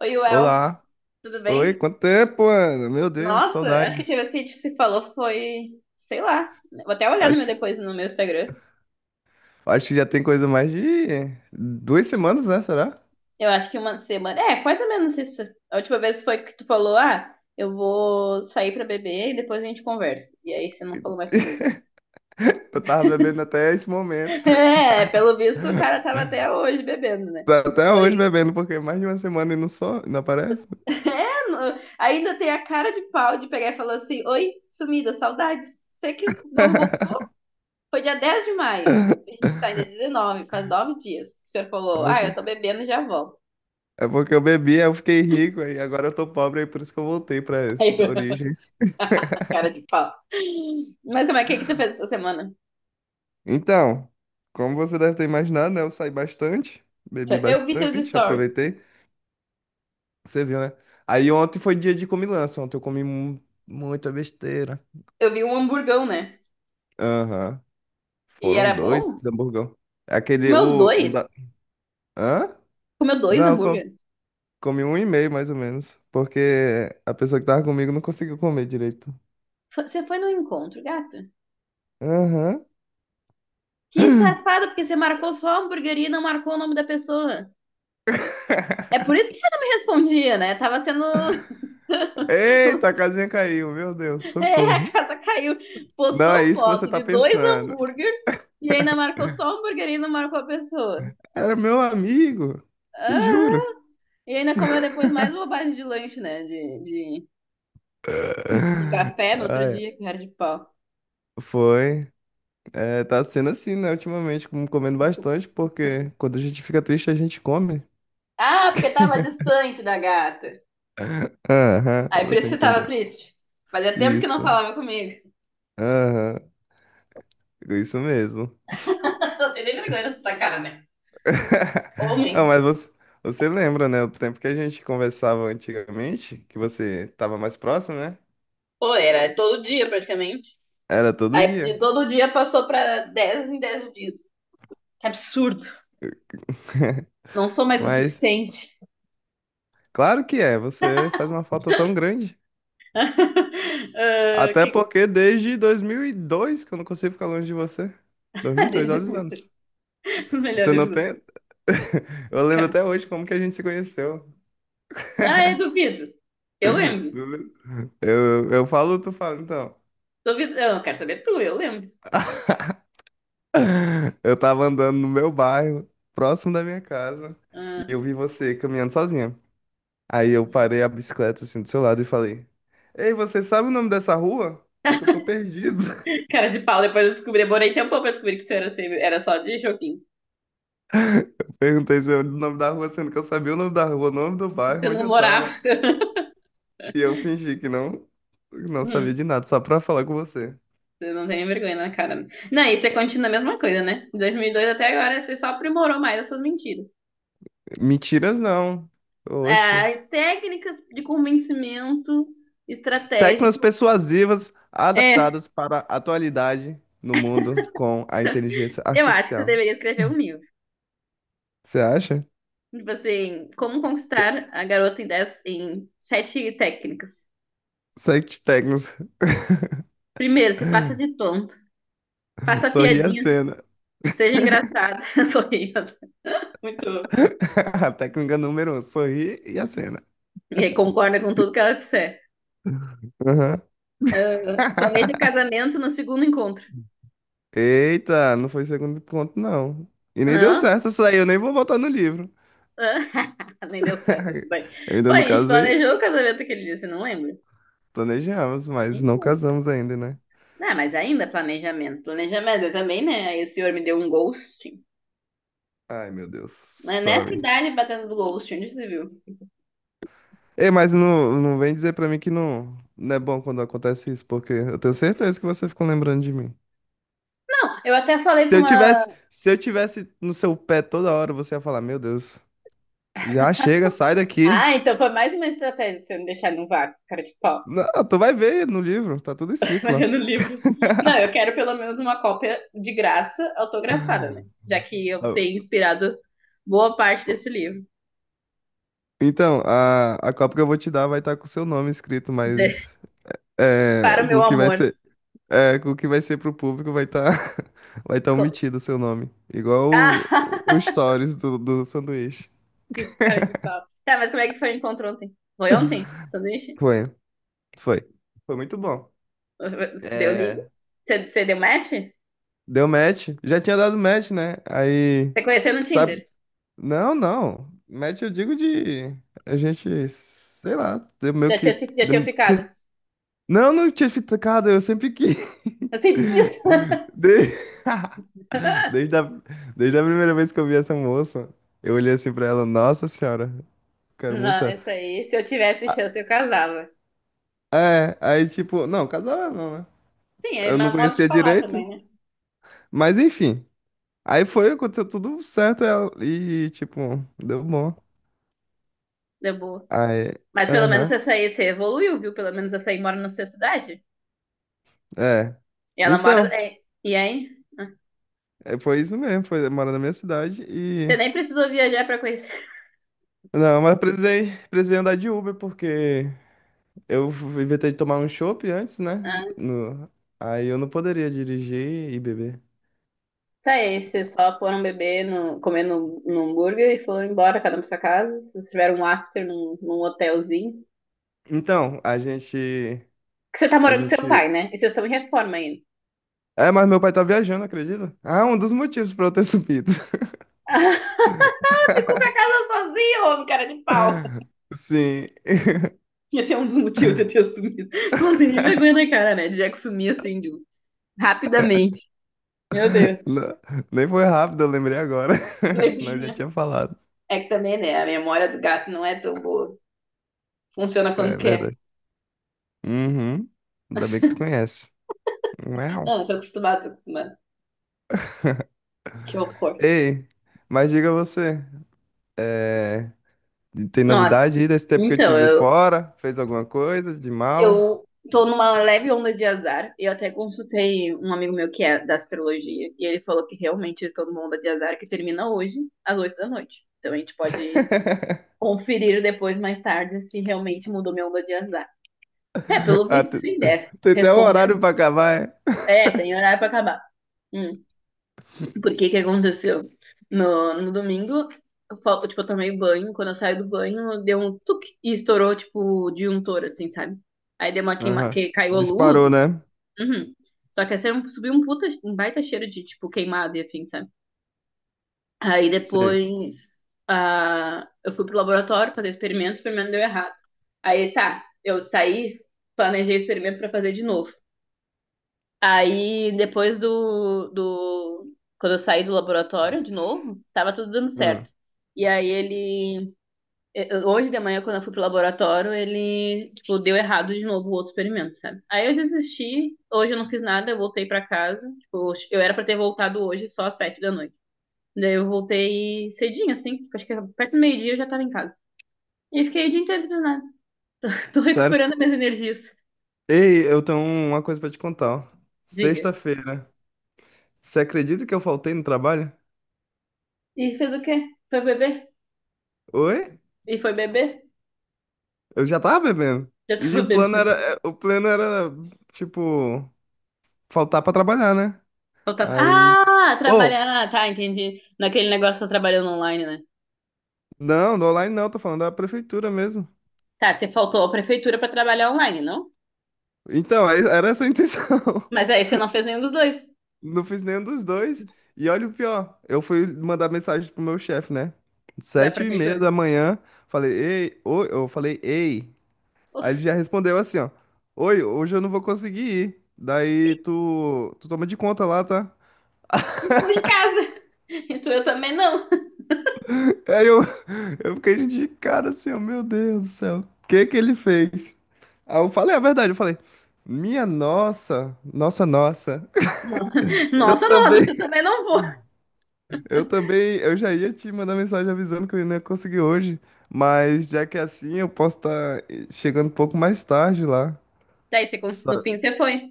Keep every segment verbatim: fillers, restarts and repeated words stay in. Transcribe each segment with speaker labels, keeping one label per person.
Speaker 1: Oi, Uel,
Speaker 2: Olá.
Speaker 1: tudo
Speaker 2: Oi,
Speaker 1: bem?
Speaker 2: quanto tempo, mano? Meu Deus,
Speaker 1: Nossa, acho que a
Speaker 2: saudade.
Speaker 1: última vez que a gente se falou foi, sei lá, vou até olhar no meu
Speaker 2: Acho,
Speaker 1: depois no meu Instagram.
Speaker 2: acho que já tem coisa mais de duas semanas, né? Será?
Speaker 1: Eu acho que uma semana, é, mais ou menos isso. A última vez foi que tu falou, ah, eu vou sair pra beber e depois a gente conversa. E aí você não falou mais comigo.
Speaker 2: Eu tava bebendo até esse momento.
Speaker 1: É, pelo visto o cara tava até hoje bebendo, né?
Speaker 2: Tá, até hoje
Speaker 1: Foi.
Speaker 2: bebendo, porque mais de uma semana e não só, não aparece.
Speaker 1: É, no- ainda tem a cara de pau de pegar e falar assim, oi, sumida, saudades. Você que não voltou? Foi dia dez de maio. A gente tá ainda dezenove, faz nove dias. Que O senhor
Speaker 2: É
Speaker 1: falou, ah, eu
Speaker 2: porque,
Speaker 1: tô bebendo e já volto.
Speaker 2: é porque eu bebi, aí eu fiquei rico, aí agora eu tô pobre, aí por isso que eu voltei
Speaker 1: Aí
Speaker 2: pras
Speaker 1: eu,
Speaker 2: origens.
Speaker 1: cara de pau. Mas como é que, que tu fez essa semana?
Speaker 2: Então, como você deve ter imaginado, né? Eu saí bastante, bebi
Speaker 1: Eu vi teus
Speaker 2: bastante,
Speaker 1: stories.
Speaker 2: aproveitei. Você viu, né? Aí ontem foi dia de comilança. Ontem eu comi mu- muita besteira.
Speaker 1: Eu vi um hamburgão, né?
Speaker 2: Aham.
Speaker 1: E
Speaker 2: Foram
Speaker 1: era
Speaker 2: dois
Speaker 1: bom.
Speaker 2: hamburgão. Aquele,
Speaker 1: Comeu os
Speaker 2: o, o
Speaker 1: dois.
Speaker 2: da... Hã?
Speaker 1: Comeu dois
Speaker 2: Não, co-
Speaker 1: hambúrguer.
Speaker 2: comi um e meio, mais ou menos. Porque a pessoa que tava comigo não conseguiu comer direito.
Speaker 1: Fo- Você foi no encontro, gata.
Speaker 2: Aham.
Speaker 1: Que safada, porque você marcou só a hamburgueria e não marcou o nome da pessoa. É por isso que você não me respondia, né? Tava sendo…
Speaker 2: Eita, a casinha caiu. Meu Deus,
Speaker 1: É, a
Speaker 2: socorro.
Speaker 1: casa caiu.
Speaker 2: Não é
Speaker 1: Postou
Speaker 2: isso que você
Speaker 1: foto
Speaker 2: tá
Speaker 1: de dois
Speaker 2: pensando.
Speaker 1: hambúrgueres e ainda marcou só o hambúrguer e não marcou a pessoa.
Speaker 2: Era meu amigo. Te juro.
Speaker 1: Aham. E ainda comeu depois mais bobagem de lanche, né? De, de, de café no outro
Speaker 2: Ai,
Speaker 1: dia, que cara de pau.
Speaker 2: foi. É, tá sendo assim, né, ultimamente, com- comendo bastante, porque quando a gente fica triste, a gente come.
Speaker 1: Ah, porque tava distante da gata.
Speaker 2: Aham,
Speaker 1: Aí por
Speaker 2: você
Speaker 1: isso você tava
Speaker 2: entendeu.
Speaker 1: triste. Fazia tempo que não
Speaker 2: Isso.
Speaker 1: falava comigo.
Speaker 2: Aham, isso mesmo.
Speaker 1: Não tem nem vergonha nessa cara, né?
Speaker 2: Ah,
Speaker 1: Homens.
Speaker 2: mas você, você lembra, né, o tempo que a gente conversava antigamente, que você tava mais próximo, né?
Speaker 1: Pô, era todo dia praticamente.
Speaker 2: Era todo
Speaker 1: Aí de
Speaker 2: dia.
Speaker 1: todo dia passou pra dez em dez dias. Que absurdo. Não sou mais o
Speaker 2: Mas,
Speaker 1: suficiente.
Speaker 2: claro que é, você faz uma falta tão grande.
Speaker 1: Ah,
Speaker 2: Até
Speaker 1: quem…
Speaker 2: porque desde dois mil e dois que eu não consigo ficar longe de você.
Speaker 1: Ah,
Speaker 2: dois mil e dois, olha
Speaker 1: desde…
Speaker 2: os anos.
Speaker 1: Os
Speaker 2: Você
Speaker 1: melhores
Speaker 2: não
Speaker 1: do…
Speaker 2: tem? Eu lembro
Speaker 1: Cara.
Speaker 2: até hoje como que a gente se conheceu.
Speaker 1: Ah, eu duvido. Eu lembro.
Speaker 2: Eu, eu falo, tu fala, então.
Speaker 1: Duvido. Eu não quero saber tu, eu lembro.
Speaker 2: Eu tava andando no meu bairro, próximo da minha casa, e
Speaker 1: Ah,
Speaker 2: eu vi você caminhando sozinha. Aí eu
Speaker 1: hum,
Speaker 2: parei a bicicleta assim do seu lado e falei: Ei, você sabe o nome dessa rua? É que eu tô perdido.
Speaker 1: cara de pau, depois eu descobri. Demorei tempo pra descobrir que isso era, sempre- era só de joguinho.
Speaker 2: Perguntei se é o nome da rua, sendo que eu sabia o nome da rua, o nome do
Speaker 1: Você
Speaker 2: bairro, onde
Speaker 1: não
Speaker 2: eu
Speaker 1: morava.
Speaker 2: tava. E eu fingi que não, não sabia
Speaker 1: Hum,
Speaker 2: de nada, só pra falar com você.
Speaker 1: você não tem vergonha na cara, né? Não, isso é, continua a mesma coisa, né? De dois mil e dois até agora, você só aprimorou mais essas mentiras.
Speaker 2: Mentiras não. Oxe.
Speaker 1: Ah, técnicas de convencimento
Speaker 2: Teclas
Speaker 1: estratégico.
Speaker 2: persuasivas
Speaker 1: É,
Speaker 2: adaptadas para a atualidade no mundo com a inteligência
Speaker 1: eu acho que você
Speaker 2: artificial.
Speaker 1: deveria escrever um livro.
Speaker 2: Você acha?
Speaker 1: Tipo assim, como conquistar a garota em, dez, em sete técnicas.
Speaker 2: Sete técnicas.
Speaker 1: Primeiro, se faça de tonto. Faça
Speaker 2: Sorri e
Speaker 1: piadinhas,
Speaker 2: acena.
Speaker 1: seja engraçada, sorria. Muito.
Speaker 2: A técnica número um, sorri e acena.
Speaker 1: E aí concorda com tudo que ela disser.
Speaker 2: Uhum.
Speaker 1: Ah, planeja casamento no segundo encontro.
Speaker 2: Eita, não foi segundo ponto, não. E nem deu
Speaker 1: Não?
Speaker 2: certo essa aí, eu nem vou voltar no livro.
Speaker 1: Ah, nem deu certo, tudo bem.
Speaker 2: Eu
Speaker 1: Pô,
Speaker 2: ainda
Speaker 1: a
Speaker 2: não
Speaker 1: gente
Speaker 2: casei,
Speaker 1: planejou o casamento aquele dia, você não lembra?
Speaker 2: planejamos, mas não
Speaker 1: Então.
Speaker 2: casamos ainda, né?
Speaker 1: Ah, mas ainda planejamento. Planejamento eu também, né? Aí o senhor me deu um ghosting.
Speaker 2: Ai, meu Deus,
Speaker 1: Mas nessa
Speaker 2: sorry.
Speaker 1: idade batendo do ghosting, onde você viu?
Speaker 2: Ei, mas não, não vem dizer pra mim que não, não é bom quando acontece isso, porque eu tenho certeza que você ficou lembrando de mim.
Speaker 1: Eu até falei
Speaker 2: Se
Speaker 1: pra
Speaker 2: eu tivesse,
Speaker 1: uma…
Speaker 2: se eu tivesse no seu pé toda hora, você ia falar, meu Deus, já chega, sai daqui.
Speaker 1: Ah, então foi mais uma estratégia de você me deixar no vácuo, cara de pau.
Speaker 2: Não, tu vai ver no livro, tá tudo escrito lá.
Speaker 1: Largando o livro. Não, eu quero pelo menos uma cópia de graça autografada, né? Já que eu
Speaker 2: Eu-
Speaker 1: tenho inspirado boa parte desse livro.
Speaker 2: Então, a, a copa que eu vou te dar vai estar com o seu nome escrito,
Speaker 1: Dizer,
Speaker 2: mas é,
Speaker 1: para o
Speaker 2: o
Speaker 1: meu
Speaker 2: que vai
Speaker 1: amor.
Speaker 2: ser, é, o que vai ser pro público vai estar vai tá
Speaker 1: Co-
Speaker 2: omitido o seu nome. Igual o, o o
Speaker 1: Ah,
Speaker 2: stories do, do sanduíche.
Speaker 1: esse cara é de pau. Tá, mas como é que foi o encontro ontem? Foi ontem? Sanduíche?
Speaker 2: Foi. Foi. Foi muito bom.
Speaker 1: Deu liga?
Speaker 2: É,
Speaker 1: Você você deu match? Você
Speaker 2: deu match. Já tinha dado match, né? Aí,
Speaker 1: conheceu no
Speaker 2: sabe?
Speaker 1: Tinder?
Speaker 2: Não, não. Match eu digo de a gente, sei lá, deu meio
Speaker 1: Já tinha,
Speaker 2: que
Speaker 1: se- já tinha
Speaker 2: deu- se-
Speaker 1: ficado?
Speaker 2: Não, não tinha ficado, eu sempre quis.
Speaker 1: Eu sei, quis.
Speaker 2: De- Desde a... Desde a primeira vez que eu vi essa moça, eu olhei assim pra ela, nossa senhora, quero
Speaker 1: Não,
Speaker 2: muito ela.
Speaker 1: essa aí, se eu tivesse
Speaker 2: Ah,
Speaker 1: chance, eu casava.
Speaker 2: é, aí tipo, não, casava não, né?
Speaker 1: Sim, é
Speaker 2: Eu não
Speaker 1: meu modo de
Speaker 2: conhecia
Speaker 1: falar
Speaker 2: direito,
Speaker 1: também, né?
Speaker 2: mas enfim. Aí foi, aconteceu tudo certo ela- e, tipo, deu bom.
Speaker 1: Deu boa.
Speaker 2: Aí,
Speaker 1: Mas pelo menos
Speaker 2: aham,
Speaker 1: essa aí você evoluiu, viu? Pelo menos essa aí mora na sua cidade.
Speaker 2: é.
Speaker 1: E ela mora,
Speaker 2: Então,
Speaker 1: é. E aí? Ah,
Speaker 2: é, foi isso mesmo, foi morar na minha cidade e...
Speaker 1: você nem precisou viajar pra conhecer.
Speaker 2: Não, mas precisei, precisei andar de Uber porque eu inventei de tomar um chopp antes, né?
Speaker 1: Ah,
Speaker 2: No... Aí eu não poderia dirigir e beber.
Speaker 1: tá aí, vocês só foram beber, no, comer no, no hambúrguer e foram embora, cada um pra sua casa. Vocês tiveram um after num, num hotelzinho.
Speaker 2: Então, a gente,
Speaker 1: Que você tá
Speaker 2: a
Speaker 1: morando com seu
Speaker 2: gente...
Speaker 1: pai, né? E vocês estão em reforma ainda.
Speaker 2: É, mas meu pai tá viajando, acredita? Ah, um dos motivos pra eu ter subido.
Speaker 1: Ficou com a casa sozinho, homem, cara de pau.
Speaker 2: Sim.
Speaker 1: Esse é um dos motivos de eu ter sumido. Você não tem nem vergonha na cara, né? De já que sumir assim, de… um- rapidamente. Meu Deus.
Speaker 2: Não, nem foi rápido, eu lembrei agora. Senão eu já
Speaker 1: Levinha.
Speaker 2: tinha falado.
Speaker 1: É que também, né? A memória do gato não é tão boa. Funciona quando
Speaker 2: É
Speaker 1: quer.
Speaker 2: verdade. Uhum. Ainda bem que tu conhece. Uau.
Speaker 1: Não, eu tô acostumada, tô acostumada. Que horror.
Speaker 2: Ei, mas diga você, é, tem
Speaker 1: Nossa.
Speaker 2: novidade aí desse tempo que eu te
Speaker 1: Então,
Speaker 2: vi
Speaker 1: eu,
Speaker 2: fora? Fez alguma coisa de mal?
Speaker 1: eu tô numa leve onda de azar. Eu até consultei um amigo meu que é da astrologia. E ele falou que realmente eu estou numa onda de azar que termina hoje, às oito da noite. Então a gente pode conferir depois, mais tarde, se realmente mudou minha onda de azar. É, pelo
Speaker 2: Ah,
Speaker 1: visto,
Speaker 2: te-
Speaker 1: sim, deve.
Speaker 2: tem até um
Speaker 1: Respondeu.
Speaker 2: horário pra acabar, é?
Speaker 1: É, tem horário pra acabar. Hum. Porque que aconteceu? No, no domingo, eu, fal- tipo, eu tomei banho. Quando eu saí do banho, deu um tuque e estourou, tipo, o disjuntor, assim, sabe? Aí deu uma queima,
Speaker 2: Aham.
Speaker 1: que caiu a luz
Speaker 2: Disparou,
Speaker 1: e tal.
Speaker 2: né?
Speaker 1: Uhum. Só que assim, subiu um puta, um baita cheiro de, tipo, queimado e afim, sabe? Aí
Speaker 2: Sei.
Speaker 1: depois, ah, eu fui pro laboratório fazer experimento, o experimento deu errado. Aí tá, eu saí, planejei experimento pra fazer de novo. Aí, depois do, do... Quando eu saí do laboratório de novo, tava tudo dando
Speaker 2: Ah,
Speaker 1: certo. E aí ele… eu- Hoje de manhã, quando eu fui pro laboratório, ele, tipo, deu errado de novo o outro experimento, sabe? Aí eu desisti, hoje eu não fiz nada, eu voltei pra casa. Tipo, eu era pra ter voltado hoje só às sete da noite. Daí eu voltei cedinho, assim, acho que perto do meio-dia eu já tava em casa. E fiquei o dia inteiro sem nada. Tô
Speaker 2: sério?
Speaker 1: recuperando minhas energias.
Speaker 2: Ei, eu tenho uma coisa pra te contar, ó.
Speaker 1: Diga.
Speaker 2: Sexta-feira. Você acredita que eu faltei no trabalho?
Speaker 1: E fez o quê? Foi beber?
Speaker 2: Oi?
Speaker 1: E foi beber?
Speaker 2: Eu já tava bebendo.
Speaker 1: Já
Speaker 2: E
Speaker 1: tava
Speaker 2: o plano era,
Speaker 1: bebendo.
Speaker 2: é, o plano era, tipo, faltar pra trabalhar, né?
Speaker 1: Eu
Speaker 2: Aí.
Speaker 1: Ah,
Speaker 2: Ô,
Speaker 1: trabalhar. Ah, tá, entendi. Naquele negócio você trabalhando online, né?
Speaker 2: não, do online não, tô falando da prefeitura mesmo.
Speaker 1: Tá, você faltou a prefeitura pra trabalhar online, não?
Speaker 2: Então, aí era essa a intenção.
Speaker 1: Mas aí você não fez nenhum dos dois
Speaker 2: Não fiz nenhum dos dois. E olha o pior, eu fui mandar mensagem pro meu chefe, né?
Speaker 1: da
Speaker 2: Sete e meia
Speaker 1: prefeitura.
Speaker 2: da manhã, falei, ei, oi, eu falei, ei. Aí ele já respondeu assim, ó, oi, hoje eu não vou conseguir ir. Daí tu, tu toma de conta lá, tá?
Speaker 1: E tu em casa. E tu eu também não.
Speaker 2: Aí eu, eu fiquei de cara assim, oh, meu Deus do céu, o que que ele fez? Aí eu falei a verdade, eu falei, minha nossa, nossa, nossa. Eu
Speaker 1: Nossa, nossa,
Speaker 2: também,
Speaker 1: porque eu também não vou.
Speaker 2: eu também, eu já ia te mandar mensagem avisando que eu não ia conseguir hoje, mas já que é assim, eu posso estar chegando um pouco mais tarde lá.
Speaker 1: Daí você cons- no
Speaker 2: Sa-
Speaker 1: fim você foi.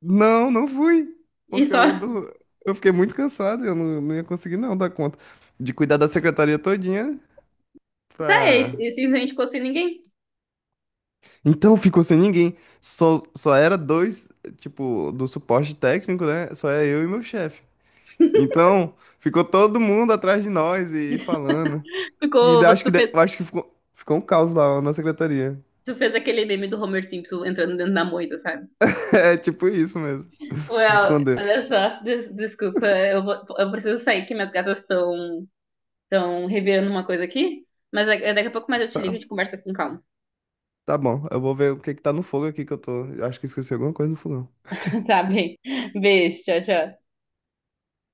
Speaker 2: Não, não fui,
Speaker 1: E
Speaker 2: porque
Speaker 1: só.
Speaker 2: eu, do- eu fiquei muito cansado, eu não, não ia conseguir não dar conta de cuidar da secretaria todinha
Speaker 1: Tá, é, e
Speaker 2: pra...
Speaker 1: simplesmente ficou sem ninguém.
Speaker 2: Então ficou sem ninguém. Só, só era dois, tipo, do suporte técnico, né? Só era eu e meu chefe. Então ficou todo mundo atrás de nós e falando. E da-
Speaker 1: Ficou.
Speaker 2: acho que,
Speaker 1: Tu
Speaker 2: de-
Speaker 1: fez,
Speaker 2: acho que ficou, ficou um caos lá na secretaria.
Speaker 1: tu fez aquele meme do Homer Simpson entrando dentro da moita, sabe?
Speaker 2: É tipo isso mesmo. Se
Speaker 1: Well,
Speaker 2: esconder.
Speaker 1: olha só, des- desculpa, eu vou, eu preciso sair que minhas gatas estão… Estão revirando uma coisa aqui. Mas é- daqui a pouco mais eu te ligo e
Speaker 2: Tá,
Speaker 1: a gente conversa com calma.
Speaker 2: tá bom, eu vou ver o que que tá no fogo aqui que eu tô. Eu acho que esqueci alguma coisa no fogão.
Speaker 1: Tá bem. Beijo, tchau, tchau.